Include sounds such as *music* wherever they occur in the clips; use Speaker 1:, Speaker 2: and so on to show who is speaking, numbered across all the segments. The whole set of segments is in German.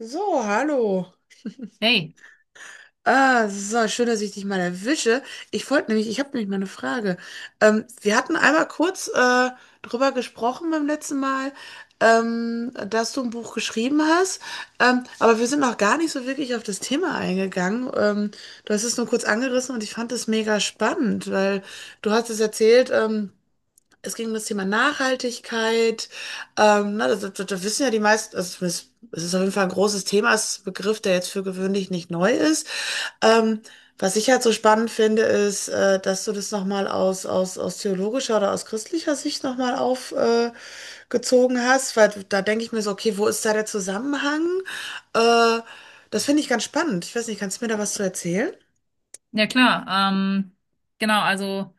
Speaker 1: So, hallo.
Speaker 2: Hey,
Speaker 1: Ah, so, schön, dass ich dich mal erwische. Ich habe nämlich mal eine Frage. Wir hatten einmal kurz drüber gesprochen beim letzten Mal, dass du ein Buch geschrieben hast, aber wir sind noch gar nicht so wirklich auf das Thema eingegangen. Du hast es nur kurz angerissen und ich fand es mega spannend, weil du hast es erzählt, es ging um das Thema Nachhaltigkeit. Na, das wissen ja die meisten, also es ist auf jeden Fall ein großes Thema, es ist ein Begriff, der jetzt für gewöhnlich nicht neu ist. Ähm, was ich halt so spannend finde, ist, dass du das nochmal aus theologischer oder aus christlicher Sicht nochmal aufgezogen gezogen hast, weil da denke ich mir so, okay, wo ist da der Zusammenhang? Äh, das finde ich ganz spannend. Ich weiß nicht, kannst du mir da was zu erzählen?
Speaker 2: ja klar. Genau, also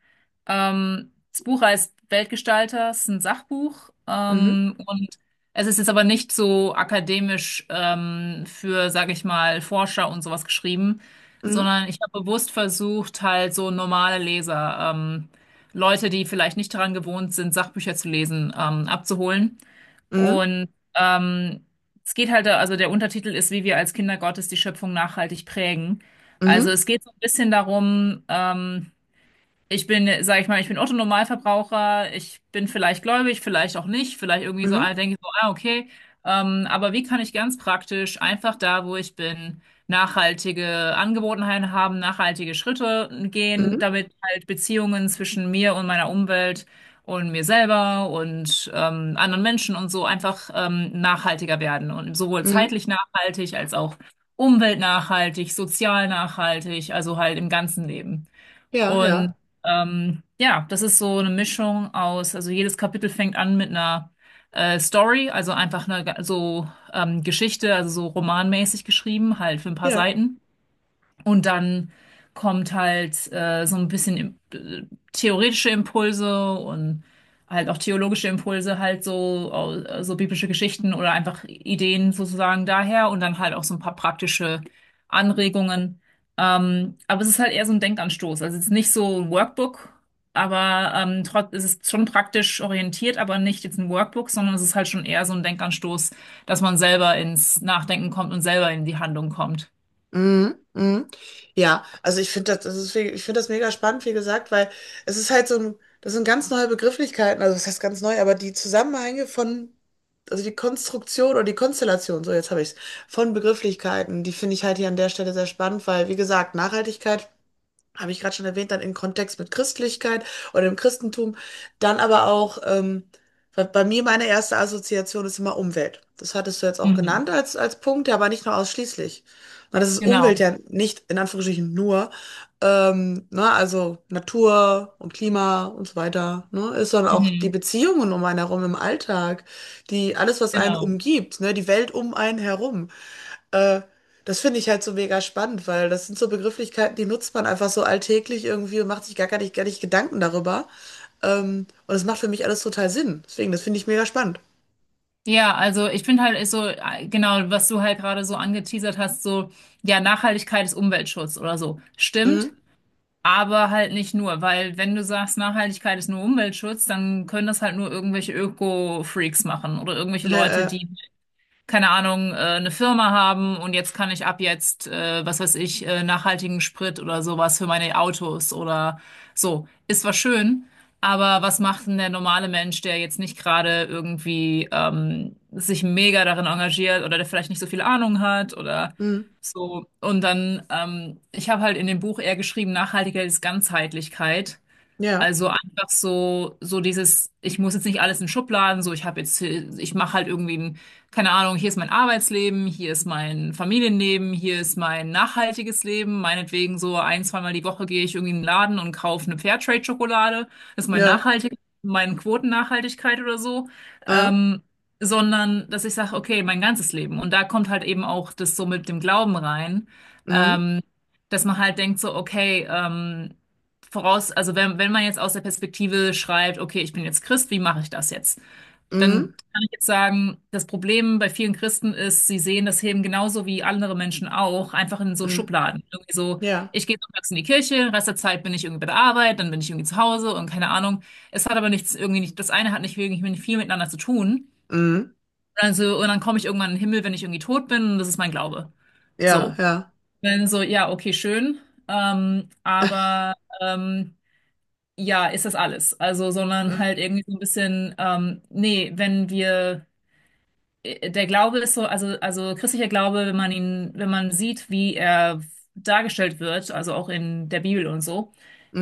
Speaker 2: das Buch heißt Weltgestalter, es ist ein Sachbuch
Speaker 1: Mhm,
Speaker 2: und es ist jetzt aber nicht so akademisch für, sage ich mal, Forscher und sowas geschrieben,
Speaker 1: mhm,
Speaker 2: sondern ich habe bewusst versucht, halt so normale Leser, Leute, die vielleicht nicht daran gewohnt sind, Sachbücher zu lesen, abzuholen.
Speaker 1: mhm,
Speaker 2: Und ähm, es geht halt, also der Untertitel ist, wie wir als Kinder Gottes die Schöpfung nachhaltig prägen. Also
Speaker 1: mhm,
Speaker 2: es geht so ein bisschen darum, ich bin, sag ich mal, ich bin Otto-Normalverbraucher, ich bin vielleicht gläubig, vielleicht auch nicht, vielleicht irgendwie so,
Speaker 1: mhm,
Speaker 2: ah, denke ich so, ah, okay. Aber wie kann ich ganz praktisch einfach da, wo ich bin, nachhaltige Angewohnheiten haben, nachhaltige Schritte gehen,
Speaker 1: mhm,
Speaker 2: damit halt Beziehungen zwischen mir und meiner Umwelt und mir selber und anderen Menschen und so einfach nachhaltiger werden und sowohl
Speaker 1: mhm.
Speaker 2: zeitlich nachhaltig als auch umweltnachhaltig, sozial nachhaltig, also halt im ganzen Leben.
Speaker 1: Ja,
Speaker 2: Und
Speaker 1: ja,
Speaker 2: ja, das ist so eine Mischung aus, also jedes Kapitel fängt an mit einer Story, also einfach so Geschichte, also so romanmäßig geschrieben, halt für ein paar
Speaker 1: ja.
Speaker 2: Seiten. Und dann kommt halt so ein bisschen theoretische Impulse und halt auch theologische Impulse, halt so, so biblische Geschichten oder einfach Ideen sozusagen daher und dann halt auch so ein paar praktische Anregungen. Aber es ist halt eher so ein Denkanstoß. Also es ist nicht so ein Workbook, aber es ist schon praktisch orientiert, aber nicht jetzt ein Workbook, sondern es ist halt schon eher so ein Denkanstoß, dass man selber ins Nachdenken kommt und selber in die Handlung kommt.
Speaker 1: Mhm, mhm. Ja, also ich finde das mega spannend, wie gesagt, weil es ist halt so ein, das sind ganz neue Begrifflichkeiten, also das heißt ganz neu, aber die Zusammenhänge von, also die Konstruktion oder die Konstellation, so jetzt habe ich es, von Begrifflichkeiten, die finde ich halt hier an der Stelle sehr spannend, weil, wie gesagt, Nachhaltigkeit habe ich gerade schon erwähnt, dann im Kontext mit Christlichkeit oder im Christentum. Dann aber auch, weil bei mir meine erste Assoziation ist immer Umwelt. Das hattest du jetzt auch
Speaker 2: Mhm.
Speaker 1: genannt als Punkt, ja, aber nicht nur ausschließlich. Na, das ist
Speaker 2: Genau.
Speaker 1: Umwelt ja nicht in Anführungsstrichen nur, ne, also Natur und Klima und so weiter, ne, ist sondern auch die
Speaker 2: Mhm,
Speaker 1: Beziehungen um einen herum im Alltag, die alles, was einen
Speaker 2: genau.
Speaker 1: umgibt, ne, die Welt um einen herum. Äh, das finde ich halt so mega spannend, weil das sind so Begrifflichkeiten, die nutzt man einfach so alltäglich irgendwie und macht sich gar nicht Gedanken darüber. Und das macht für mich alles total Sinn. Deswegen, das finde ich mega spannend.
Speaker 2: Ja, also ich finde halt ist so, genau, was du halt gerade so angeteasert hast, so, ja, Nachhaltigkeit ist Umweltschutz oder so. Stimmt,
Speaker 1: Mhm.
Speaker 2: aber halt nicht nur, weil wenn du sagst, Nachhaltigkeit ist nur Umweltschutz, dann können das halt nur irgendwelche Öko-Freaks machen oder irgendwelche
Speaker 1: Ja,
Speaker 2: Leute,
Speaker 1: äh,
Speaker 2: die keine Ahnung, eine Firma haben und jetzt kann ich ab jetzt, was weiß ich, nachhaltigen Sprit oder sowas für meine Autos oder so. Ist zwar schön, aber was macht denn der normale Mensch, der jetzt nicht gerade irgendwie sich mega darin engagiert oder der vielleicht nicht so viel Ahnung hat oder
Speaker 1: mhm.
Speaker 2: so. Und dann, ich habe halt in dem Buch eher geschrieben, Nachhaltigkeit ist Ganzheitlichkeit.
Speaker 1: Ja,
Speaker 2: Also einfach so, so dieses, ich muss jetzt nicht alles in Schubladen, so ich habe jetzt, ich mache halt irgendwie ein, keine Ahnung, hier ist mein Arbeitsleben, hier ist mein Familienleben, hier ist mein nachhaltiges Leben. Meinetwegen so ein, zweimal die Woche gehe ich irgendwie in den Laden und kaufe eine Fairtrade-Schokolade. Das ist mein
Speaker 1: ja,
Speaker 2: nachhaltig, meine Quotennachhaltigkeit oder so.
Speaker 1: äh,
Speaker 2: Ähm, Sondern, dass ich sage, okay, mein ganzes Leben. Und da kommt halt eben auch das so mit dem Glauben rein.
Speaker 1: mhm.
Speaker 2: Ähm, Dass man halt denkt so, okay, voraus, also wenn man jetzt aus der Perspektive schreibt, okay, ich bin jetzt Christ, wie mache ich das jetzt?
Speaker 1: Mhm.
Speaker 2: Dann kann ich jetzt sagen, das Problem bei vielen Christen ist, sie sehen das Leben genauso wie andere Menschen auch, einfach in so
Speaker 1: Mhm.
Speaker 2: Schubladen. Irgendwie so,
Speaker 1: Ja,
Speaker 2: ich gehe sonntags in die Kirche, den Rest der Zeit bin ich irgendwie bei der Arbeit, dann bin ich irgendwie zu Hause und keine Ahnung. Es hat aber nichts irgendwie nicht, das eine hat nicht wirklich nicht viel miteinander zu tun.
Speaker 1: mhm.
Speaker 2: Also, und dann komme ich irgendwann in den Himmel, wenn ich irgendwie tot bin, und das ist mein Glaube.
Speaker 1: Ja,
Speaker 2: So.
Speaker 1: ja,
Speaker 2: Dann so, ja, okay, schön. Ähm, aber ähm, ja, ist das alles. Also, sondern halt
Speaker 1: mhm.
Speaker 2: irgendwie so ein bisschen, nee, wenn wir, der Glaube ist so, also christlicher Glaube, wenn man ihn, wenn man sieht, wie er dargestellt wird, also auch in der Bibel und so,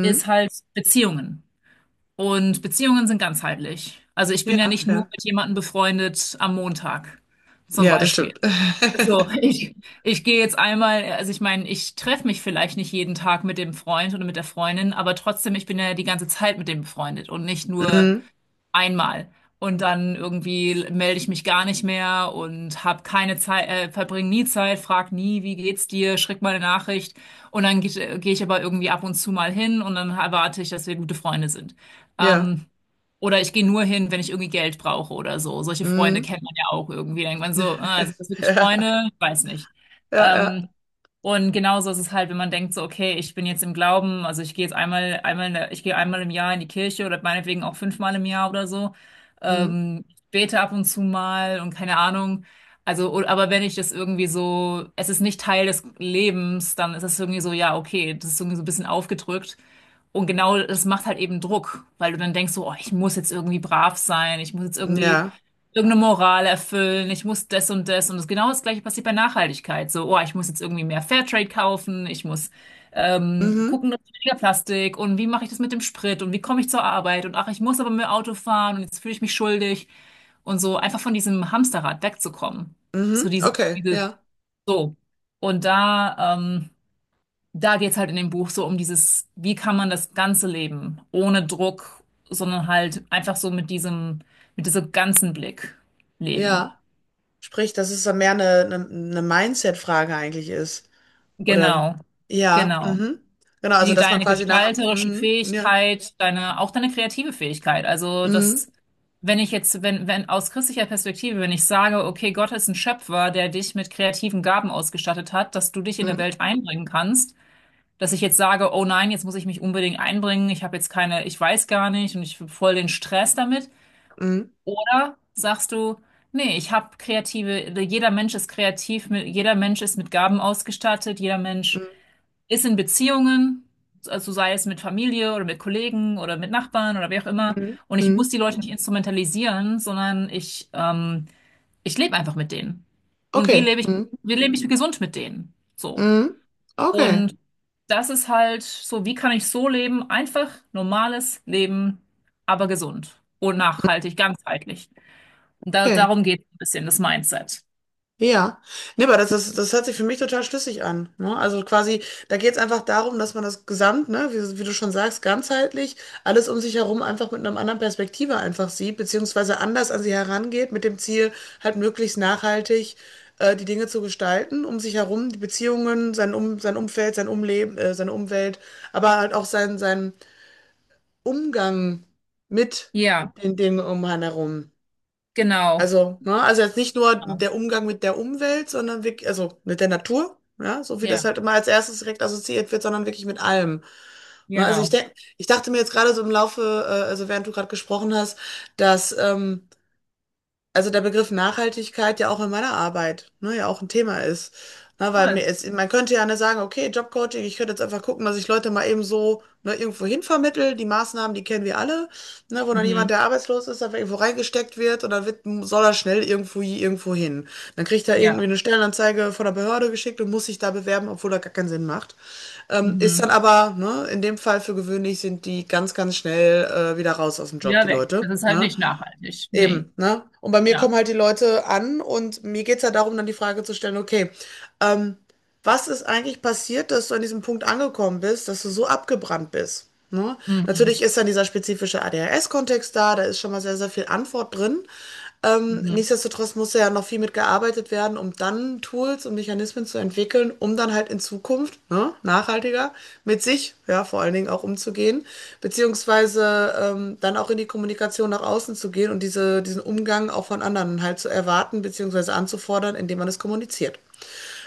Speaker 2: ist halt Beziehungen. Und Beziehungen sind ganzheitlich. Also ich bin
Speaker 1: Ja,
Speaker 2: ja nicht nur
Speaker 1: ja,
Speaker 2: mit jemandem befreundet am Montag, zum
Speaker 1: ja, das
Speaker 2: Beispiel.
Speaker 1: stimmt. *laughs*
Speaker 2: So, *laughs* ich gehe jetzt einmal, also ich meine, ich treffe mich vielleicht nicht jeden Tag mit dem Freund oder mit der Freundin, aber trotzdem, ich bin ja die ganze Zeit mit dem befreundet und nicht nur
Speaker 1: Mhm.
Speaker 2: einmal. Und dann irgendwie melde ich mich gar nicht mehr und habe keine Zeit, verbringe nie Zeit, frag nie, wie geht's dir, schick mal eine Nachricht. Und dann geh ich aber irgendwie ab und zu mal hin und dann erwarte ich, dass wir gute Freunde sind.
Speaker 1: Ja,
Speaker 2: Ähm, oder ich gehe nur hin, wenn ich irgendwie Geld brauche oder so. Solche Freunde
Speaker 1: mhm.
Speaker 2: kennt man ja auch irgendwie. Denkt man so, ah, sind das
Speaker 1: *laughs*
Speaker 2: wirklich
Speaker 1: Ja,
Speaker 2: Freunde? Ich weiß nicht.
Speaker 1: ja, ja,
Speaker 2: Ähm, und genauso ist es halt, wenn man denkt so, okay, ich bin jetzt im Glauben, also ich gehe jetzt ich gehe einmal im Jahr in die Kirche oder meinetwegen auch fünfmal im Jahr oder so.
Speaker 1: mhm.
Speaker 2: Ich bete ab und zu mal und keine Ahnung. Also, aber wenn ich das irgendwie so, es ist nicht Teil des Lebens, dann ist es irgendwie so, ja, okay, das ist irgendwie so ein bisschen aufgedrückt. Und genau das macht halt eben Druck, weil du dann denkst so, oh, ich muss jetzt irgendwie brav sein, ich muss jetzt irgendwie
Speaker 1: Ja,
Speaker 2: irgendeine Moral erfüllen, ich muss das und das. Und das genau das Gleiche passiert bei Nachhaltigkeit. So, oh, ich muss jetzt irgendwie mehr Fairtrade kaufen, ich muss
Speaker 1: mhm.
Speaker 2: gucken, dass weniger Plastik und wie mache ich das mit dem Sprit und wie komme ich zur Arbeit und ach, ich muss aber mit dem Auto fahren und jetzt fühle ich mich schuldig und so einfach von diesem Hamsterrad wegzukommen. So
Speaker 1: Mhm.
Speaker 2: diese,
Speaker 1: Okay,
Speaker 2: diese,
Speaker 1: ja,
Speaker 2: so. Und da, da geht's halt in dem Buch so um dieses, wie kann man das Ganze leben, ohne Druck, sondern halt einfach so mit diesem ganzen Blick leben.
Speaker 1: ja. Sprich, dass es dann mehr eine Mindset-Frage eigentlich ist. Oder
Speaker 2: Genau,
Speaker 1: ja,
Speaker 2: genau.
Speaker 1: mhm. Genau, also
Speaker 2: Die,
Speaker 1: dass man
Speaker 2: deine
Speaker 1: quasi nach,
Speaker 2: gestalterische
Speaker 1: mhm, ja,
Speaker 2: Fähigkeit, deine, auch deine kreative Fähigkeit. Also
Speaker 1: mhm,
Speaker 2: das, wenn ich jetzt, wenn, wenn aus christlicher Perspektive, wenn ich sage, okay, Gott ist ein Schöpfer, der dich mit kreativen Gaben ausgestattet hat, dass du dich in der
Speaker 1: mhm,
Speaker 2: Welt einbringen kannst, dass ich jetzt sage, oh nein, jetzt muss ich mich unbedingt einbringen, ich habe jetzt keine, ich weiß gar nicht und ich habe voll den Stress damit.
Speaker 1: mhm,
Speaker 2: Oder sagst du, nee, ich habe kreative, jeder Mensch ist kreativ, jeder Mensch ist mit Gaben ausgestattet, jeder Mensch
Speaker 1: mhm,
Speaker 2: ist in Beziehungen, also sei es mit Familie oder mit Kollegen oder mit Nachbarn oder wie auch immer.
Speaker 1: mhm.
Speaker 2: Und ich muss
Speaker 1: Mhm.
Speaker 2: die Leute nicht instrumentalisieren, sondern ich, ich lebe einfach mit denen. Und
Speaker 1: Okay, mhm,
Speaker 2: wie lebe ich gesund mit denen? So.
Speaker 1: mhm. Okay,
Speaker 2: Und das ist halt so, wie kann ich so leben? Einfach normales Leben, aber gesund und nachhaltig, ganzheitlich. Und da,
Speaker 1: okay.
Speaker 2: darum geht es ein bisschen, das Mindset.
Speaker 1: Ja, nee, aber das hört sich für mich total schlüssig an. Ne? Also quasi, da geht es einfach darum, dass man das Gesamt, ne, wie du schon sagst, ganzheitlich, alles um sich herum einfach mit einer anderen Perspektive einfach sieht, beziehungsweise anders an sie herangeht, mit dem Ziel, halt möglichst nachhaltig die Dinge zu gestalten, um sich herum, die Beziehungen, sein Umfeld, sein Umleben, seine Umwelt, aber halt auch sein Umgang mit
Speaker 2: Ja,
Speaker 1: den Dingen um einen herum.
Speaker 2: genau.
Speaker 1: Also, ne, also jetzt nicht nur der Umgang mit der Umwelt, sondern wirklich, also mit der Natur, ja, so wie das
Speaker 2: Ja,
Speaker 1: halt immer als erstes direkt assoziiert wird, sondern wirklich mit allem. Ne, also ich
Speaker 2: genau.
Speaker 1: denke, ich dachte mir jetzt gerade so im Laufe, also während du gerade gesprochen hast, dass also der Begriff Nachhaltigkeit ja auch in meiner Arbeit, ne, ja auch ein Thema ist. Na, weil mir
Speaker 2: Cool.
Speaker 1: ist, man könnte ja nicht sagen, okay, Jobcoaching, ich könnte jetzt einfach gucken, dass ich Leute mal eben so ne, irgendwo hin vermittle. Die Maßnahmen, die kennen wir alle, ne, wo dann jemand,
Speaker 2: Mhm.
Speaker 1: der arbeitslos ist, einfach irgendwo reingesteckt wird und dann wird, soll er schnell irgendwo hin. Dann kriegt er irgendwie
Speaker 2: Ja.
Speaker 1: eine Stellenanzeige von der Behörde geschickt und muss sich da bewerben, obwohl er gar keinen Sinn macht. Ist
Speaker 2: Mhm.
Speaker 1: dann aber, ne, in dem Fall für gewöhnlich sind die ganz, ganz schnell wieder raus aus dem Job,
Speaker 2: Wieder
Speaker 1: die
Speaker 2: weg.
Speaker 1: Leute.
Speaker 2: Das ist halt
Speaker 1: Ne?
Speaker 2: nicht nachhaltig. Nee.
Speaker 1: Eben, ne? Und bei mir
Speaker 2: Ja.
Speaker 1: kommen halt die Leute an und mir geht es ja darum, dann die Frage zu stellen, okay, ähm, was ist eigentlich passiert, dass du an diesem Punkt angekommen bist, dass du so abgebrannt bist? Ne?
Speaker 2: Mhm.
Speaker 1: Natürlich ist dann dieser spezifische ADHS-Kontext da, da ist schon mal sehr, sehr viel Antwort drin. Ähm,
Speaker 2: Mhm.
Speaker 1: nichtsdestotrotz muss ja noch viel mit gearbeitet werden, um dann Tools und Mechanismen zu entwickeln, um dann halt in Zukunft, ne, nachhaltiger mit sich, ja, vor allen Dingen auch umzugehen, beziehungsweise dann auch in die Kommunikation nach außen zu gehen und diesen Umgang auch von anderen halt zu erwarten, beziehungsweise anzufordern, indem man es kommuniziert.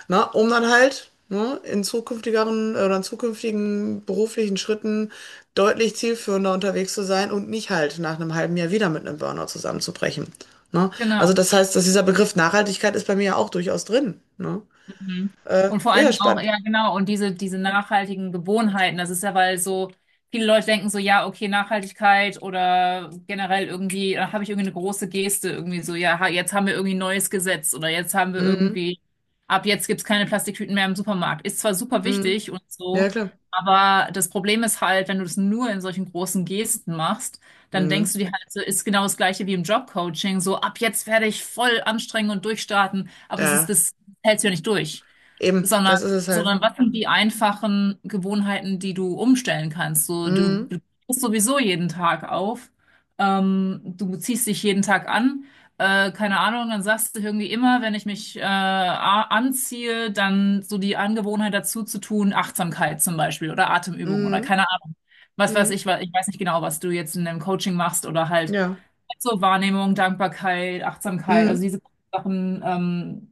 Speaker 1: Na, um dann halt ne, in zukünftigeren oder in zukünftigen beruflichen Schritten deutlich zielführender unterwegs zu sein und nicht halt nach einem halben Jahr wieder mit einem Burnout zusammenzubrechen. Ne? Also
Speaker 2: Genau.
Speaker 1: das heißt, dass dieser Begriff Nachhaltigkeit ist bei mir ja auch durchaus drin. Ne?
Speaker 2: Mhm.
Speaker 1: Äh,
Speaker 2: Und vor
Speaker 1: ja,
Speaker 2: allen
Speaker 1: ja,
Speaker 2: Dingen auch,
Speaker 1: spannend.
Speaker 2: ja, genau, und diese, diese nachhaltigen Gewohnheiten, das ist ja, weil so viele Leute denken so, ja, okay, Nachhaltigkeit oder generell irgendwie, da habe ich irgendwie eine große Geste, irgendwie so, ja, jetzt haben wir irgendwie ein neues Gesetz oder jetzt haben wir
Speaker 1: Mhm.
Speaker 2: irgendwie, ab jetzt gibt's keine Plastiktüten mehr im Supermarkt. Ist zwar super
Speaker 1: Mhm.
Speaker 2: wichtig und
Speaker 1: Ja,
Speaker 2: so,
Speaker 1: klar.
Speaker 2: aber das Problem ist halt, wenn du das nur in solchen großen Gesten machst, dann denkst
Speaker 1: Mhm.
Speaker 2: du dir halt so, ist genau das Gleiche wie im Jobcoaching, so ab jetzt werde ich voll anstrengen und durchstarten, aber das ist
Speaker 1: Ja,
Speaker 2: das hältst du ja nicht durch,
Speaker 1: eben,
Speaker 2: sondern,
Speaker 1: das ist es halt.
Speaker 2: sondern was sind die einfachen Gewohnheiten, die du umstellen kannst? So, du
Speaker 1: Mhm.
Speaker 2: stehst sowieso jeden Tag auf, du ziehst dich jeden Tag an, keine Ahnung, dann sagst du irgendwie immer, wenn ich mich anziehe, dann so die Angewohnheit dazu zu tun, Achtsamkeit zum Beispiel oder Atemübung oder
Speaker 1: Mhm.
Speaker 2: keine Ahnung. Was weiß
Speaker 1: Mhm.
Speaker 2: ich, ich weiß nicht genau, was du jetzt in deinem Coaching machst oder halt
Speaker 1: Ja.
Speaker 2: so Wahrnehmung, Dankbarkeit, Achtsamkeit, also
Speaker 1: Mhm.
Speaker 2: diese Sachen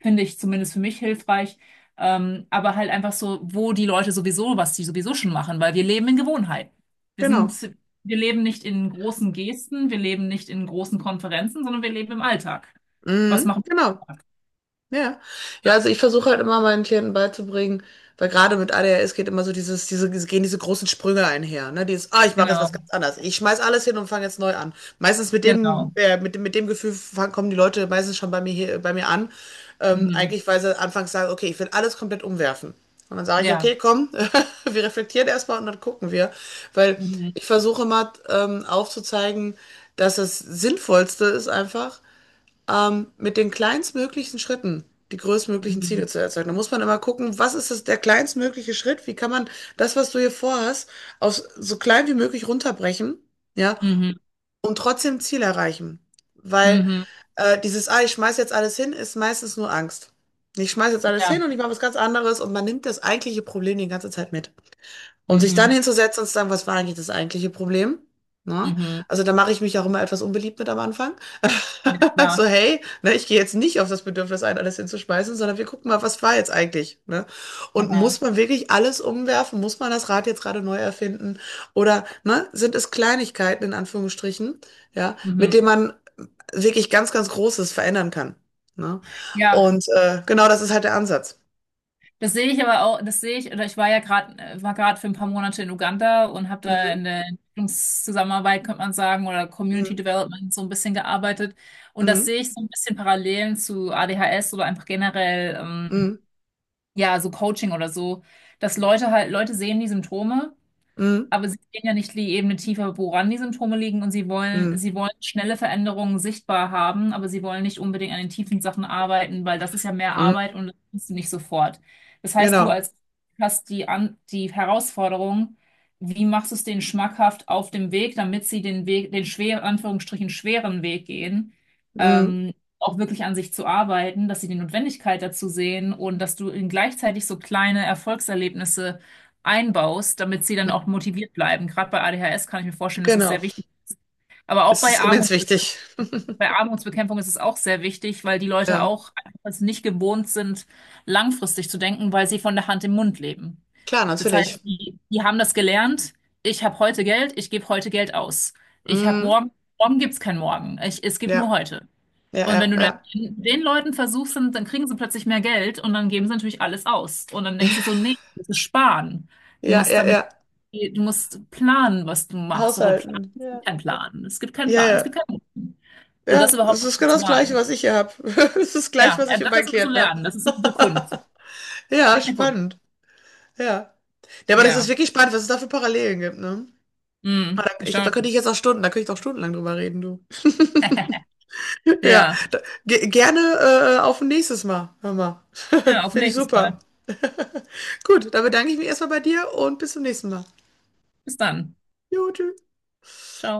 Speaker 2: finde ich zumindest für mich hilfreich. Aber halt einfach so, wo die Leute sowieso, was die sowieso schon machen, weil wir leben in Gewohnheiten. Wir
Speaker 1: Genau.
Speaker 2: sind, wir leben nicht in großen Gesten, wir leben nicht in großen Konferenzen, sondern wir leben im Alltag. Was
Speaker 1: Mhm.
Speaker 2: machen
Speaker 1: Genau. Ja. Ja, also ich versuche halt immer meinen Klienten beizubringen, weil gerade mit A D H S geht immer so gehen diese großen Sprünge einher, ne? Dieses, ah, ich
Speaker 2: wir?
Speaker 1: mache jetzt
Speaker 2: Genau,
Speaker 1: was ganz anderes. Ich schmeiß alles hin und fange jetzt neu an. Meistens mit dem,
Speaker 2: genau.
Speaker 1: äh, mit dem, mit dem Gefühl kommen die Leute meistens schon bei mir hier, bei mir an. Ähm,
Speaker 2: Mhm.
Speaker 1: eigentlich, weil sie anfangs sagen, okay, ich will alles komplett umwerfen. Und dann sage ich,
Speaker 2: Ja.
Speaker 1: okay, komm, *laughs* wir reflektieren erstmal und dann gucken wir. Weil
Speaker 2: Mhm.
Speaker 1: ich versuche mal aufzuzeigen, dass das Sinnvollste ist einfach, mit den kleinstmöglichen Schritten die größtmöglichen Ziele
Speaker 2: Mhm.
Speaker 1: zu erzeugen. Da muss man immer gucken, was ist das, der kleinstmögliche Schritt? Wie kann man das, was du hier vorhast, aus so klein wie möglich runterbrechen, ja,
Speaker 2: Mhm.
Speaker 1: und trotzdem Ziel erreichen. Weil
Speaker 2: Mhm.
Speaker 1: dieses, ah, ich schmeiß jetzt alles hin, ist meistens nur Angst. Ich schmeiß jetzt alles
Speaker 2: Ja.
Speaker 1: hin und ich mache was ganz anderes und man nimmt das eigentliche Problem die ganze Zeit mit. Und sich dann
Speaker 2: Mhm.
Speaker 1: hinzusetzen und zu sagen, was war eigentlich das eigentliche Problem? Ne?
Speaker 2: Mhm.
Speaker 1: Also da mache ich mich auch immer etwas unbeliebt mit am Anfang.
Speaker 2: Ja,
Speaker 1: *laughs*
Speaker 2: klar.
Speaker 1: So, hey, ne, ich gehe jetzt nicht auf das Bedürfnis ein, alles hinzuschmeißen, sondern wir gucken mal, was war jetzt eigentlich? Ne? Und
Speaker 2: Aha.
Speaker 1: muss man wirklich alles umwerfen? Muss man das Rad jetzt gerade neu erfinden? Oder ne, sind es Kleinigkeiten in Anführungsstrichen, ja,
Speaker 2: Mhm.
Speaker 1: mit denen man wirklich ganz, ganz Großes verändern kann? Ne?
Speaker 2: Ja,
Speaker 1: Und genau das ist halt der Ansatz.
Speaker 2: das sehe ich aber auch, das sehe ich, oder ich war ja gerade, war gerade für ein paar Monate in Uganda und habe da in
Speaker 1: Mhm.
Speaker 2: der Entwicklungszusammenarbeit, könnte man sagen, oder Community
Speaker 1: Mhm.
Speaker 2: Development so ein bisschen gearbeitet. Und das
Speaker 1: Mhm.
Speaker 2: sehe ich so ein bisschen Parallelen zu ADHS oder einfach generell,
Speaker 1: Mhm.
Speaker 2: ja, so Coaching oder so, dass Leute halt, Leute sehen die Symptome.
Speaker 1: Mhm.
Speaker 2: Aber sie gehen ja nicht die Ebene tiefer, woran die Symptome liegen und
Speaker 1: Mhm.
Speaker 2: sie wollen schnelle Veränderungen sichtbar haben, aber sie wollen nicht unbedingt an den tiefen Sachen arbeiten, weil das ist ja mehr
Speaker 1: Mhm.
Speaker 2: Arbeit und das kannst du nicht sofort. Das heißt, du
Speaker 1: Genau.
Speaker 2: als hast die, an, die Herausforderung, wie machst du es denen schmackhaft auf dem Weg, damit sie den Weg, den schweren, Anführungsstrichen schweren Weg gehen,
Speaker 1: Mhm.
Speaker 2: ähm, auch wirklich an sich zu arbeiten, dass sie die Notwendigkeit dazu sehen und dass du ihnen gleichzeitig so kleine Erfolgserlebnisse einbaust, damit sie dann auch motiviert bleiben. Gerade bei ADHS kann ich mir vorstellen, das ist
Speaker 1: Genau.
Speaker 2: sehr wichtig. Aber auch
Speaker 1: Es ist
Speaker 2: bei
Speaker 1: immens
Speaker 2: Armut,
Speaker 1: wichtig. *laughs*
Speaker 2: bei Armutsbekämpfung ist es auch sehr wichtig, weil die Leute
Speaker 1: Ja,
Speaker 2: auch einfach es nicht gewohnt sind, langfristig zu denken, weil sie von der Hand im Mund leben.
Speaker 1: klar,
Speaker 2: Das
Speaker 1: natürlich.
Speaker 2: heißt, die, die haben das gelernt. Ich habe heute Geld, ich gebe heute Geld aus. Ich habe
Speaker 1: Mhm.
Speaker 2: morgen, morgen gibt es kein Morgen. Ich, es gibt nur
Speaker 1: Ja,
Speaker 2: heute.
Speaker 1: ja,
Speaker 2: Und
Speaker 1: ja,
Speaker 2: wenn du dann
Speaker 1: ja.
Speaker 2: den Leuten versuchst, dann, dann kriegen sie plötzlich mehr Geld und dann geben sie natürlich alles aus. Und dann denkst du so,
Speaker 1: *laughs*
Speaker 2: nee, das ist sparen. Du
Speaker 1: Ja,
Speaker 2: musst
Speaker 1: ja,
Speaker 2: damit,
Speaker 1: ja.
Speaker 2: du musst planen, was du machst. Aber planen,
Speaker 1: Haushalten.
Speaker 2: es gibt
Speaker 1: Ja.
Speaker 2: keinen Plan. Es gibt keinen
Speaker 1: Ja,
Speaker 2: Plan. Es
Speaker 1: ja.
Speaker 2: gibt keinen Und das
Speaker 1: Ja,
Speaker 2: überhaupt
Speaker 1: es
Speaker 2: noch
Speaker 1: ist genau
Speaker 2: zu
Speaker 1: das Gleiche,
Speaker 2: lernen.
Speaker 1: was ich hier habe. *laughs* Es ist gleich,
Speaker 2: Ja,
Speaker 1: was
Speaker 2: ja,
Speaker 1: ich mit
Speaker 2: das
Speaker 1: meinen
Speaker 2: ist immer zu
Speaker 1: Klienten habe.
Speaker 2: lernen. Das ist eine Kunst.
Speaker 1: *laughs* Ja,
Speaker 2: Echt eine Kunst.
Speaker 1: spannend. Ja. Ja, aber das ist
Speaker 2: Ja.
Speaker 1: wirklich spannend, was es da für Parallelen gibt, ne?
Speaker 2: Mm,
Speaker 1: Aber Ich glaube,
Speaker 2: erstaunlich.
Speaker 1: da könnte ich auch stundenlang drüber reden, du.
Speaker 2: *laughs*
Speaker 1: *laughs* Ja,
Speaker 2: Ja.
Speaker 1: da, ge gerne auf ein nächstes Mal. Hör mal. *laughs*
Speaker 2: Ja, auf
Speaker 1: Finde ich
Speaker 2: nächstes
Speaker 1: super.
Speaker 2: Mal.
Speaker 1: *laughs* Gut, dann bedanke ich mich erstmal bei dir und bis zum nächsten Mal.
Speaker 2: Bis dann.
Speaker 1: Jo, tschüss.
Speaker 2: Ciao.